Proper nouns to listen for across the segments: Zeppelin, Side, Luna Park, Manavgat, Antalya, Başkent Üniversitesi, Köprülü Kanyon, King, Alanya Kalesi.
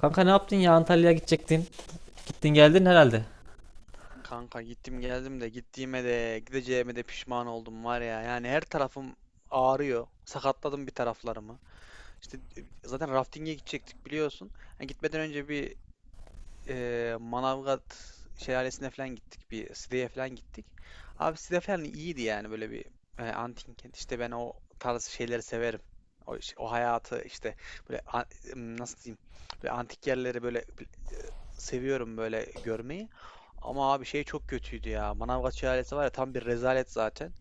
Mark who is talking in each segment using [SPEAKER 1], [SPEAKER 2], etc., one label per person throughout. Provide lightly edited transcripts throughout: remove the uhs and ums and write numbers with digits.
[SPEAKER 1] Kanka ne yaptın ya, Antalya'ya gidecektin. Gittin geldin herhalde.
[SPEAKER 2] Kanka gittim geldim de gittiğime de gideceğime de pişman oldum var ya. Yani her tarafım ağrıyor. Sakatladım bir taraflarımı. İşte zaten rafting'e gidecektik biliyorsun. Yani gitmeden önce bir Manavgat şelalesine falan gittik. Bir Side'ye falan gittik. Abi Side falan iyiydi yani böyle bir antin kent. İşte ben o tarz şeyleri severim. O hayatı işte böyle nasıl diyeyim böyle antik yerleri böyle seviyorum böyle görmeyi. Ama abi şey çok kötüydü ya. Manavgat şelalesi var ya tam bir rezalet zaten.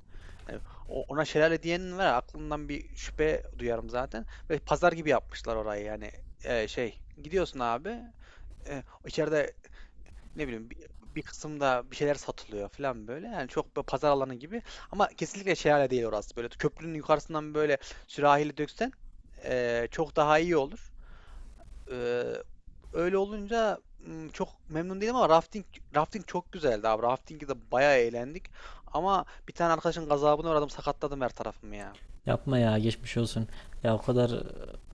[SPEAKER 2] Hani ona şelale diyenin var ya aklımdan bir şüphe duyarım zaten. Böyle pazar gibi yapmışlar orayı yani. Şey gidiyorsun abi içeride ne bileyim bir kısımda bir şeyler satılıyor falan böyle. Yani çok böyle pazar alanı gibi ama kesinlikle şelale değil orası. Böyle köprünün yukarısından böyle sürahiyle döksen çok daha iyi olur. Eee, Öyle olunca çok memnun değilim ama rafting çok güzeldi abi. Raftingde de bayağı eğlendik. Ama bir tane arkadaşın gazabına uğradım, sakatladım her tarafımı ya.
[SPEAKER 1] Yapma ya, geçmiş olsun. Ya o kadar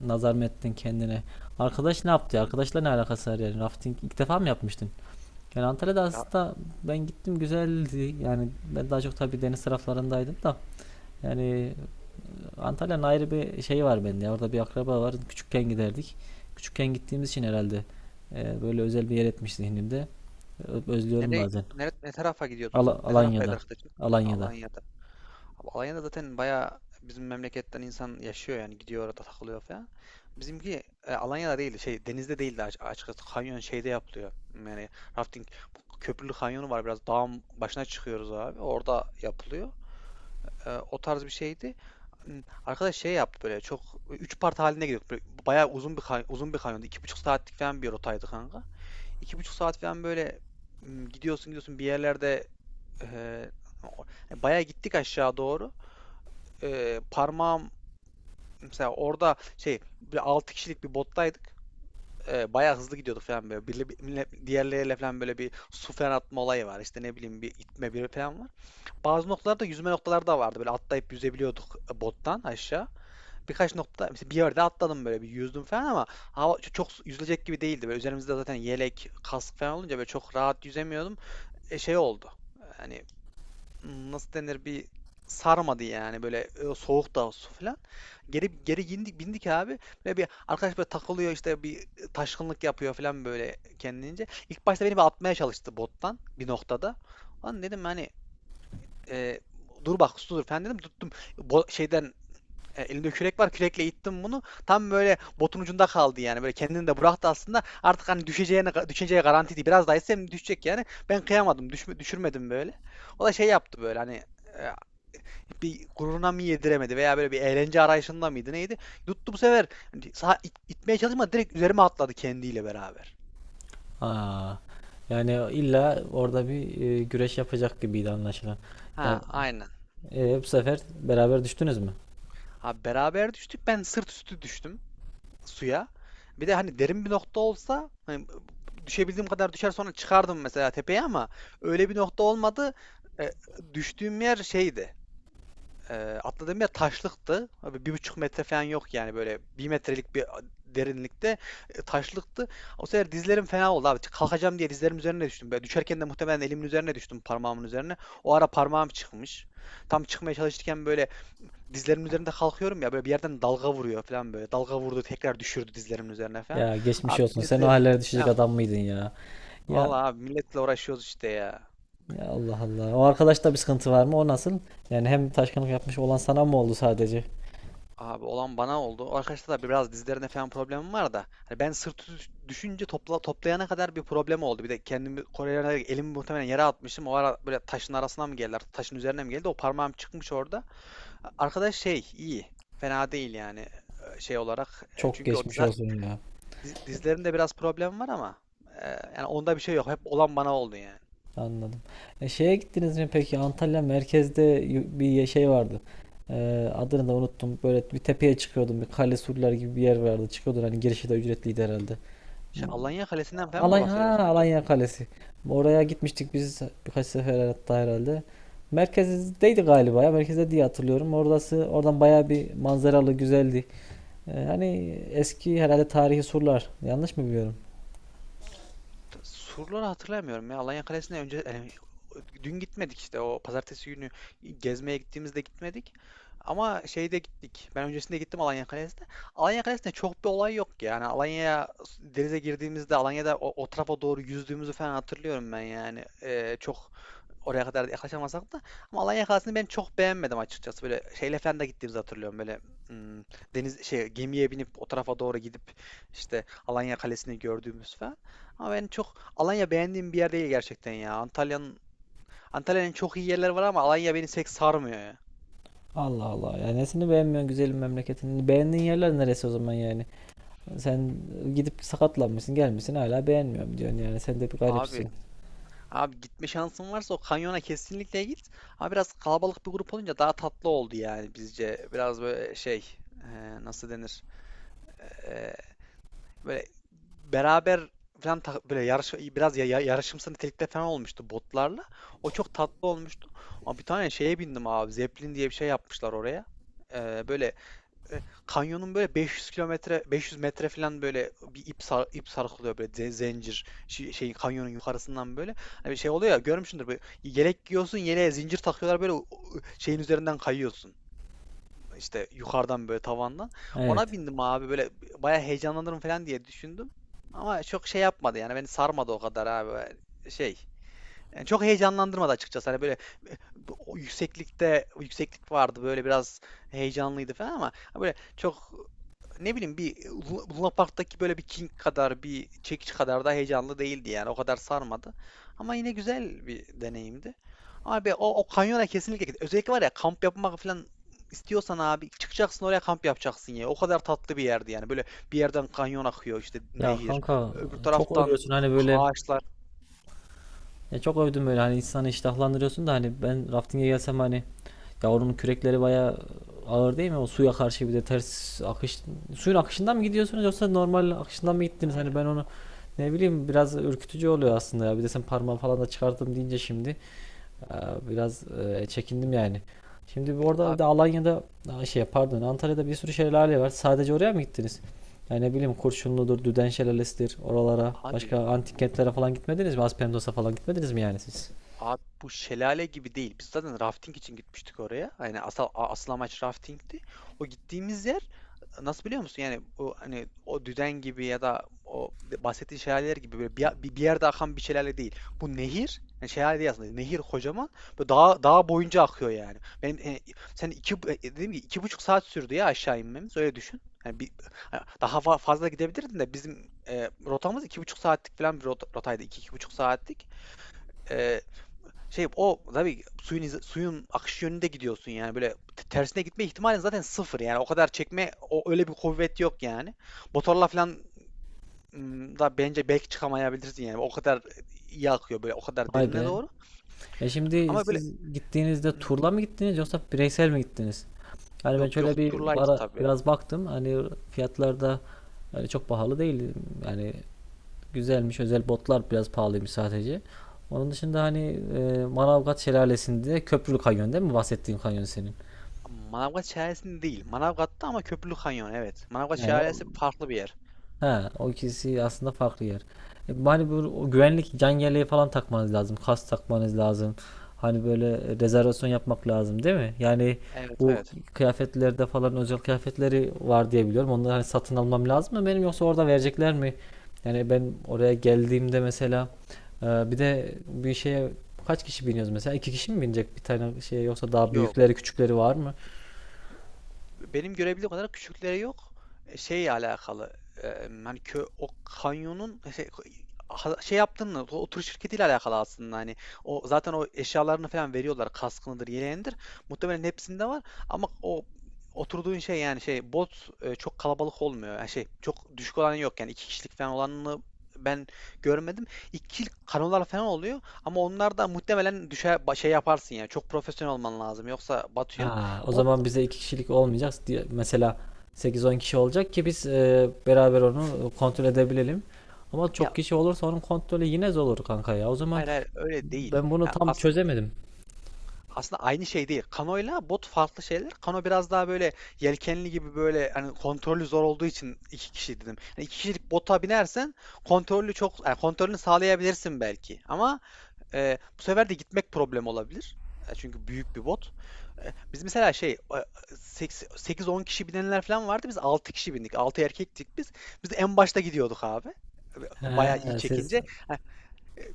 [SPEAKER 1] nazar mı ettin kendine? Arkadaş ne yaptı ya? Arkadaşla ne alakası var yani? Rafting ilk defa mı yapmıştın? Yani Antalya'da
[SPEAKER 2] Ra-
[SPEAKER 1] aslında ben gittim, güzeldi. Yani ben daha çok tabii deniz taraflarındaydım da. Yani Antalya'nın ayrı bir şeyi var bende ya. Orada bir akraba var. Küçükken giderdik. Küçükken gittiğimiz için herhalde böyle özel bir yer etmiş zihnimde. Özlüyorum
[SPEAKER 2] Nereye,
[SPEAKER 1] bazen.
[SPEAKER 2] ne tarafa gidiyordunuz? Ne taraftaydı
[SPEAKER 1] Alanya'da.
[SPEAKER 2] arkadaşın?
[SPEAKER 1] Alanya'da.
[SPEAKER 2] Alanya'da. Abi Alanya'da zaten bayağı bizim memleketten insan yaşıyor yani gidiyor orada takılıyor falan. Bizimki Alanya'da değil şey denizde değil de açıkçası kanyon şeyde yapılıyor. Yani rafting bu köprülü kanyonu var biraz dağın başına çıkıyoruz abi orada yapılıyor. O tarz bir şeydi. Arkadaş şey yaptı böyle çok 3 part halinde gidiyorduk. Böyle bayağı uzun bir kanyondu. 2,5 saatlik falan bir rotaydı kanka. İki buçuk saat falan böyle gidiyorsun gidiyorsun bir yerlerde e, yani bayağı gittik aşağı doğru parmağım mesela orada şey bir 6 kişilik bir bottaydık. Bayağı hızlı gidiyordu falan böyle. Diğerleriyle falan böyle bir su falan atma olayı var. İşte ne bileyim bir itme bir falan var. Bazı noktalarda yüzme noktaları da vardı. Böyle atlayıp yüzebiliyorduk bottan aşağı. Birkaç nokta mesela bir yerde atladım böyle bir yüzdüm falan ama hava çok yüzülecek gibi değildi. Böyle üzerimizde zaten yelek, kask falan olunca böyle çok rahat yüzemiyordum. Şey oldu. Hani nasıl denir bir sarmadı yani böyle soğuk da su falan. Geri geri indik bindik abi. Böyle bir arkadaş böyle takılıyor işte bir taşkınlık yapıyor falan böyle kendince. İlk başta beni bir atmaya çalıştı bottan bir noktada. Lan dedim hani e, dur bak su dur falan dedim tuttum. Şeyden elimde kürek var kürekle ittim bunu. Tam böyle botun ucunda kaldı yani. Böyle kendini de bıraktı aslında. Artık hani düşeceğine düşeceği garantiydi. Biraz daha ise düşecek yani. Ben kıyamadım. Düşürmedim böyle. O da şey yaptı böyle hani e, bir gururuna mı yediremedi veya böyle bir eğlence arayışında mıydı neydi? Yuttu bu sefer hani itmeye çalışmadı direkt üzerime atladı kendiyle beraber.
[SPEAKER 1] Aa, yani illa orada bir güreş yapacak gibiydi anlaşılan.
[SPEAKER 2] Ha
[SPEAKER 1] Yani
[SPEAKER 2] aynen.
[SPEAKER 1] bu sefer beraber düştünüz mü?
[SPEAKER 2] Abi beraber düştük ben sırt üstü düştüm suya. Bir de hani derin bir nokta olsa hani düşebildiğim kadar düşer sonra çıkardım mesela tepeye ama öyle bir nokta olmadı. E, Düştüğüm yer şeydi. Ee, Atladığım yer taşlıktı. Abi 1,5 metre falan yok yani böyle bir metrelik bir derinlikte taşlıktı. O sefer dizlerim fena oldu abi. Kalkacağım diye dizlerim üzerine düştüm. Böyle düşerken de muhtemelen elimin üzerine düştüm parmağımın üzerine. O ara parmağım çıkmış. Tam çıkmaya çalışırken böyle dizlerimin üzerinde kalkıyorum ya böyle bir yerden dalga vuruyor falan böyle. Dalga vurdu tekrar düşürdü dizlerimin üzerine falan.
[SPEAKER 1] Ya geçmiş
[SPEAKER 2] Abi
[SPEAKER 1] olsun. Sen o
[SPEAKER 2] dizlerim
[SPEAKER 1] hallere düşecek
[SPEAKER 2] ben
[SPEAKER 1] adam mıydın ya? Ya
[SPEAKER 2] vallahi abi milletle uğraşıyoruz işte ya.
[SPEAKER 1] ya, Allah Allah. O arkadaşta bir sıkıntı var mı? O nasıl? Yani hem taşkınlık yapmış olan sana mı oldu sadece?
[SPEAKER 2] Abi olan bana oldu. O arkadaşlar da biraz dizlerinde falan problemim var da. Hani ben sırtı düşünce toplayana kadar bir problem oldu. Bir de kendimi Korelere elimi muhtemelen yere atmıştım. O ara böyle taşın arasına mı geldiler? Taşın üzerine mi geldi? O parmağım çıkmış orada. Arkadaş şey iyi. Fena değil yani şey olarak.
[SPEAKER 1] Çok
[SPEAKER 2] Çünkü o
[SPEAKER 1] geçmiş ya.
[SPEAKER 2] dizlerinde biraz problem var ama e, yani onda bir şey yok. Hep olan bana oldu yani.
[SPEAKER 1] Anladım. E, şeye gittiniz mi peki? Antalya merkezde bir şey vardı. E, adını da unuttum. Böyle bir tepeye çıkıyordum. Bir kale, surlar gibi bir yer vardı. Çıkıyordun, hani girişi de ücretliydi herhalde.
[SPEAKER 2] Şey, Alanya Kalesi'nden falan mı
[SPEAKER 1] Alanya, ha,
[SPEAKER 2] bahsediyorsun acaba?
[SPEAKER 1] Alanya Kalesi. Oraya gitmiştik biz birkaç sefer hatta herhalde. Merkezdeydi galiba ya. Merkezde diye hatırlıyorum. Orası, oradan bayağı bir manzaralı, güzeldi. Hani eski herhalde tarihi surlar. Yanlış mı biliyorum?
[SPEAKER 2] Surları hatırlamıyorum ya. Alanya Kalesi'ne önce yani, dün gitmedik işte o pazartesi günü gezmeye gittiğimizde gitmedik. Ama şeyde gittik. Ben öncesinde gittim Alanya Kalesi'ne. Alanya Kalesi'nde çok bir olay yok yani. Alanya'ya denize girdiğimizde Alanya'da o tarafa doğru yüzdüğümüzü falan hatırlıyorum ben yani. Çok oraya kadar yaklaşamasak da ama Alanya Kalesi'ni ben çok beğenmedim açıkçası. Böyle şeyle falan da gittiğimizi hatırlıyorum. Böyle hmm, deniz şey gemiye binip o tarafa doğru gidip işte Alanya Kalesi'ni gördüğümüz falan. Ama ben çok Alanya beğendiğim bir yer değil gerçekten ya. Antalya'nın çok iyi yerleri var ama Alanya beni pek sarmıyor ya.
[SPEAKER 1] Allah Allah. Yani nesini beğenmiyorsun güzelim memleketini? Beğendiğin yerler neresi o zaman yani? Sen gidip sakatlanmışsın, gelmişsin, hala beğenmiyorum diyorsun yani. Sen de bir
[SPEAKER 2] Abi
[SPEAKER 1] garipsin.
[SPEAKER 2] abi gitme şansın varsa o kanyona kesinlikle git. Ama biraz kalabalık bir grup olunca daha tatlı oldu yani bizce. Biraz böyle şey e, nasıl denir? E, Böyle beraber böyle yarış biraz yarışımsı nitelikte falan olmuştu botlarla. O çok tatlı olmuştu. Ama bir tane şeye bindim abi. Zeppelin diye bir şey yapmışlar oraya. Böyle kanyonun böyle 500 kilometre 500 metre falan böyle bir ip sarkılıyor böyle zincir şey kanyonun yukarısından böyle. Hani şey oluyor ya görmüşsündür böyle yelek giyiyorsun yeleğe zincir takıyorlar böyle o şeyin üzerinden kayıyorsun işte yukarıdan böyle tavandan. Ona
[SPEAKER 1] Evet.
[SPEAKER 2] bindim abi böyle bayağı heyecanlanırım falan diye düşündüm. Ama çok şey yapmadı yani beni sarmadı o kadar abi. Şey yani çok heyecanlandırmadı açıkçası. Hani böyle o yükseklikte yükseklik vardı. Böyle biraz heyecanlıydı falan ama hani böyle çok ne bileyim bir Luna Park'taki böyle bir King kadar bir çekiç kadar da heyecanlı değildi yani. O kadar sarmadı. Ama yine güzel bir deneyimdi. Ama be, o kanyona kesinlikle git. Özellikle var ya kamp yapmak falan istiyorsan abi çıkacaksın oraya kamp yapacaksın ya. O kadar tatlı bir yerdi yani. Böyle bir yerden kanyon akıyor işte
[SPEAKER 1] Ya
[SPEAKER 2] nehir.
[SPEAKER 1] kanka,
[SPEAKER 2] Öbür
[SPEAKER 1] çok
[SPEAKER 2] taraftan
[SPEAKER 1] övüyorsun hani böyle.
[SPEAKER 2] ağaçlar.
[SPEAKER 1] Ya çok övdüm, böyle hani insanı iştahlandırıyorsun da, hani ben rafting'e gelsem, hani ya oranın kürekleri bayağı ağır değil mi? O suya karşı, bir de ters akış, suyun akışından mı gidiyorsunuz yoksa normal akışından mı gittiniz?
[SPEAKER 2] Ay,
[SPEAKER 1] Hani ben onu ne bileyim, biraz ürkütücü oluyor aslında ya. Bir de sen parmağı falan da çıkarttım deyince şimdi. Ee, Biraz çekindim yani. Şimdi bu orada bir de Alanya'da, aa, şey pardon,
[SPEAKER 2] Abi
[SPEAKER 1] Antalya'da bir sürü şelale var. Sadece oraya mı gittiniz? Yani ne bileyim, Kurşunlu'dur, Düden Şelalesi'dir oralara.
[SPEAKER 2] Abi
[SPEAKER 1] Başka antik
[SPEAKER 2] bu
[SPEAKER 1] kentlere falan gitmediniz mi? Aspendos'a falan gitmediniz mi yani siz?
[SPEAKER 2] abi bu şelale gibi değil. Biz zaten rafting için gitmiştik oraya. Yani asıl amaç raftingti. O gittiğimiz yer nasıl biliyor musun? Yani o hani o düden gibi ya da bahsettiğin şelaleler gibi böyle bir yerde akan bir şelale değil. Bu nehir, yani şelale değil aslında. Nehir kocaman ve dağ dağ boyunca akıyor yani. Ben sen dedim ki iki buçuk saat sürdü ya aşağı inmemiz. Öyle düşün. Ha, daha fazla gidebilirdin de bizim rotamız iki buçuk saatlik falan bir rotaydı. İki buçuk saatlik. Ee, Şey o tabii suyun akış yönünde gidiyorsun yani böyle tersine gitme ihtimalin zaten sıfır yani o kadar çekme o öyle bir kuvvet yok yani. Motorla falan da bence belki çıkamayabilirsin yani o kadar iyi akıyor böyle o kadar
[SPEAKER 1] Vay
[SPEAKER 2] derine
[SPEAKER 1] be.
[SPEAKER 2] doğru
[SPEAKER 1] E şimdi
[SPEAKER 2] ama böyle
[SPEAKER 1] siz gittiğinizde
[SPEAKER 2] ım,
[SPEAKER 1] turla mı gittiniz yoksa bireysel mi gittiniz? Yani ben
[SPEAKER 2] yok yok
[SPEAKER 1] şöyle bir
[SPEAKER 2] turlaydı
[SPEAKER 1] ara
[SPEAKER 2] tabii.
[SPEAKER 1] biraz baktım. Hani fiyatlarda, yani çok pahalı değil. Yani güzelmiş. Özel botlar biraz pahalıymış sadece. Onun dışında hani Manavgat Şelalesi'nde köprülü kanyon değil mi? Bahsettiğin kanyon senin.
[SPEAKER 2] Manavgat Şelalesi'nde değil. Manavgat'ta ama Köprülü Kanyon evet. Manavgat
[SPEAKER 1] Yani o
[SPEAKER 2] Şelalesi farklı bir yer.
[SPEAKER 1] He, o ikisi aslında farklı yer. E, hani bu o güvenlik can yeleği falan takmanız lazım, kas takmanız lazım. Hani böyle rezervasyon yapmak lazım değil mi? Yani
[SPEAKER 2] Evet
[SPEAKER 1] bu
[SPEAKER 2] evet.
[SPEAKER 1] kıyafetlerde falan özel kıyafetleri var diye biliyorum. Onları hani satın almam lazım mı benim, yoksa orada verecekler mi? Yani ben oraya geldiğimde mesela bir de bir şeye kaç kişi biniyoruz mesela? İki kişi mi binecek bir tane şeye, yoksa daha
[SPEAKER 2] Yok.
[SPEAKER 1] büyükleri küçükleri var mı?
[SPEAKER 2] Benim görebildiğim kadar küçükleri yok. Şeyle alakalı. e, Hani o kanyonun şey, şey yaptığını, o tur şirketiyle alakalı aslında hani o zaten o eşyalarını falan veriyorlar kaskınıdır yeleğindir muhtemelen hepsinde var ama o oturduğun şey yani şey bot çok kalabalık olmuyor yani şey çok düşük olan yok yani iki kişilik falan olanını ben görmedim iki kişilik kanolar falan oluyor ama onlar da muhtemelen düşer şey yaparsın yani çok profesyonel olman lazım yoksa batıyor
[SPEAKER 1] Aa, o
[SPEAKER 2] bot.
[SPEAKER 1] zaman bize 2 kişilik olmayacak. Mesela 8-10 kişi olacak ki biz beraber onu kontrol edebilelim. Ama çok kişi olursa onun kontrolü yine zor olur kanka ya. O zaman
[SPEAKER 2] Hayır hayır öyle değil.
[SPEAKER 1] ben bunu
[SPEAKER 2] Ya
[SPEAKER 1] tam
[SPEAKER 2] aslında
[SPEAKER 1] çözemedim.
[SPEAKER 2] aslında aynı şey değil. Kano'yla bot farklı şeyler. Kano biraz daha böyle yelkenli gibi böyle hani kontrolü zor olduğu için iki kişi dedim. Hani iki kişilik bota binersen kontrolü çok yani kontrolünü sağlayabilirsin belki. Ama bu sefer de gitmek problem olabilir. Çünkü büyük bir bot. Biz mesela şey sekiz on kişi binenler falan vardı. Biz 6 kişi bindik. 6 erkektik biz. Biz en başta gidiyorduk abi. E, Bayağı iyi
[SPEAKER 1] He,
[SPEAKER 2] çekince.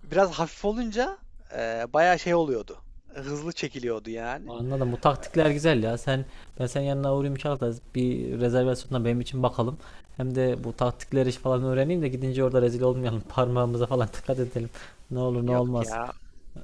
[SPEAKER 2] Biraz hafif olunca bayağı şey oluyordu. Hızlı çekiliyordu yani.
[SPEAKER 1] anladım. Bu taktikler güzel ya. Sen yanına uğrayayım inşallah, bir rezervasyonla benim için bakalım. Hem de bu taktikleri, iş falan öğreneyim de gidince orada rezil olmayalım. Parmağımıza falan dikkat edelim. Ne olur ne
[SPEAKER 2] Yok
[SPEAKER 1] olmaz.
[SPEAKER 2] ya.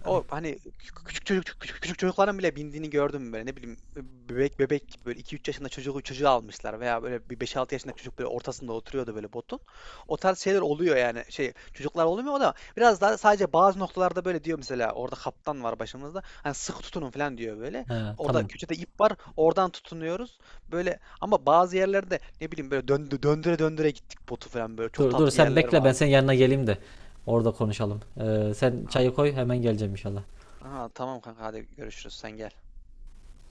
[SPEAKER 2] O hani küçük küçük çocuk küçük çocukların bile bindiğini gördüm mü böyle ne bileyim bebek bebek gibi böyle 2-3 yaşında çocuğu almışlar veya böyle bir beş 6 yaşında çocuk böyle ortasında oturuyordu böyle botun. O tarz şeyler oluyor yani şey çocuklar olmuyor o da biraz daha sadece bazı noktalarda böyle diyor mesela orada kaptan var başımızda hani sıkı tutunun falan diyor böyle.
[SPEAKER 1] He,
[SPEAKER 2] Orada
[SPEAKER 1] tamam.
[SPEAKER 2] köşede ip var oradan tutunuyoruz böyle ama bazı yerlerde ne bileyim böyle döndüre döndüre gittik botu falan böyle çok
[SPEAKER 1] Dur dur,
[SPEAKER 2] tatlı
[SPEAKER 1] sen
[SPEAKER 2] yerler
[SPEAKER 1] bekle, ben senin
[SPEAKER 2] vardı.
[SPEAKER 1] yanına geleyim de orada konuşalım. Sen çayı koy, hemen geleceğim inşallah.
[SPEAKER 2] Ha, tamam kanka hadi görüşürüz sen gel.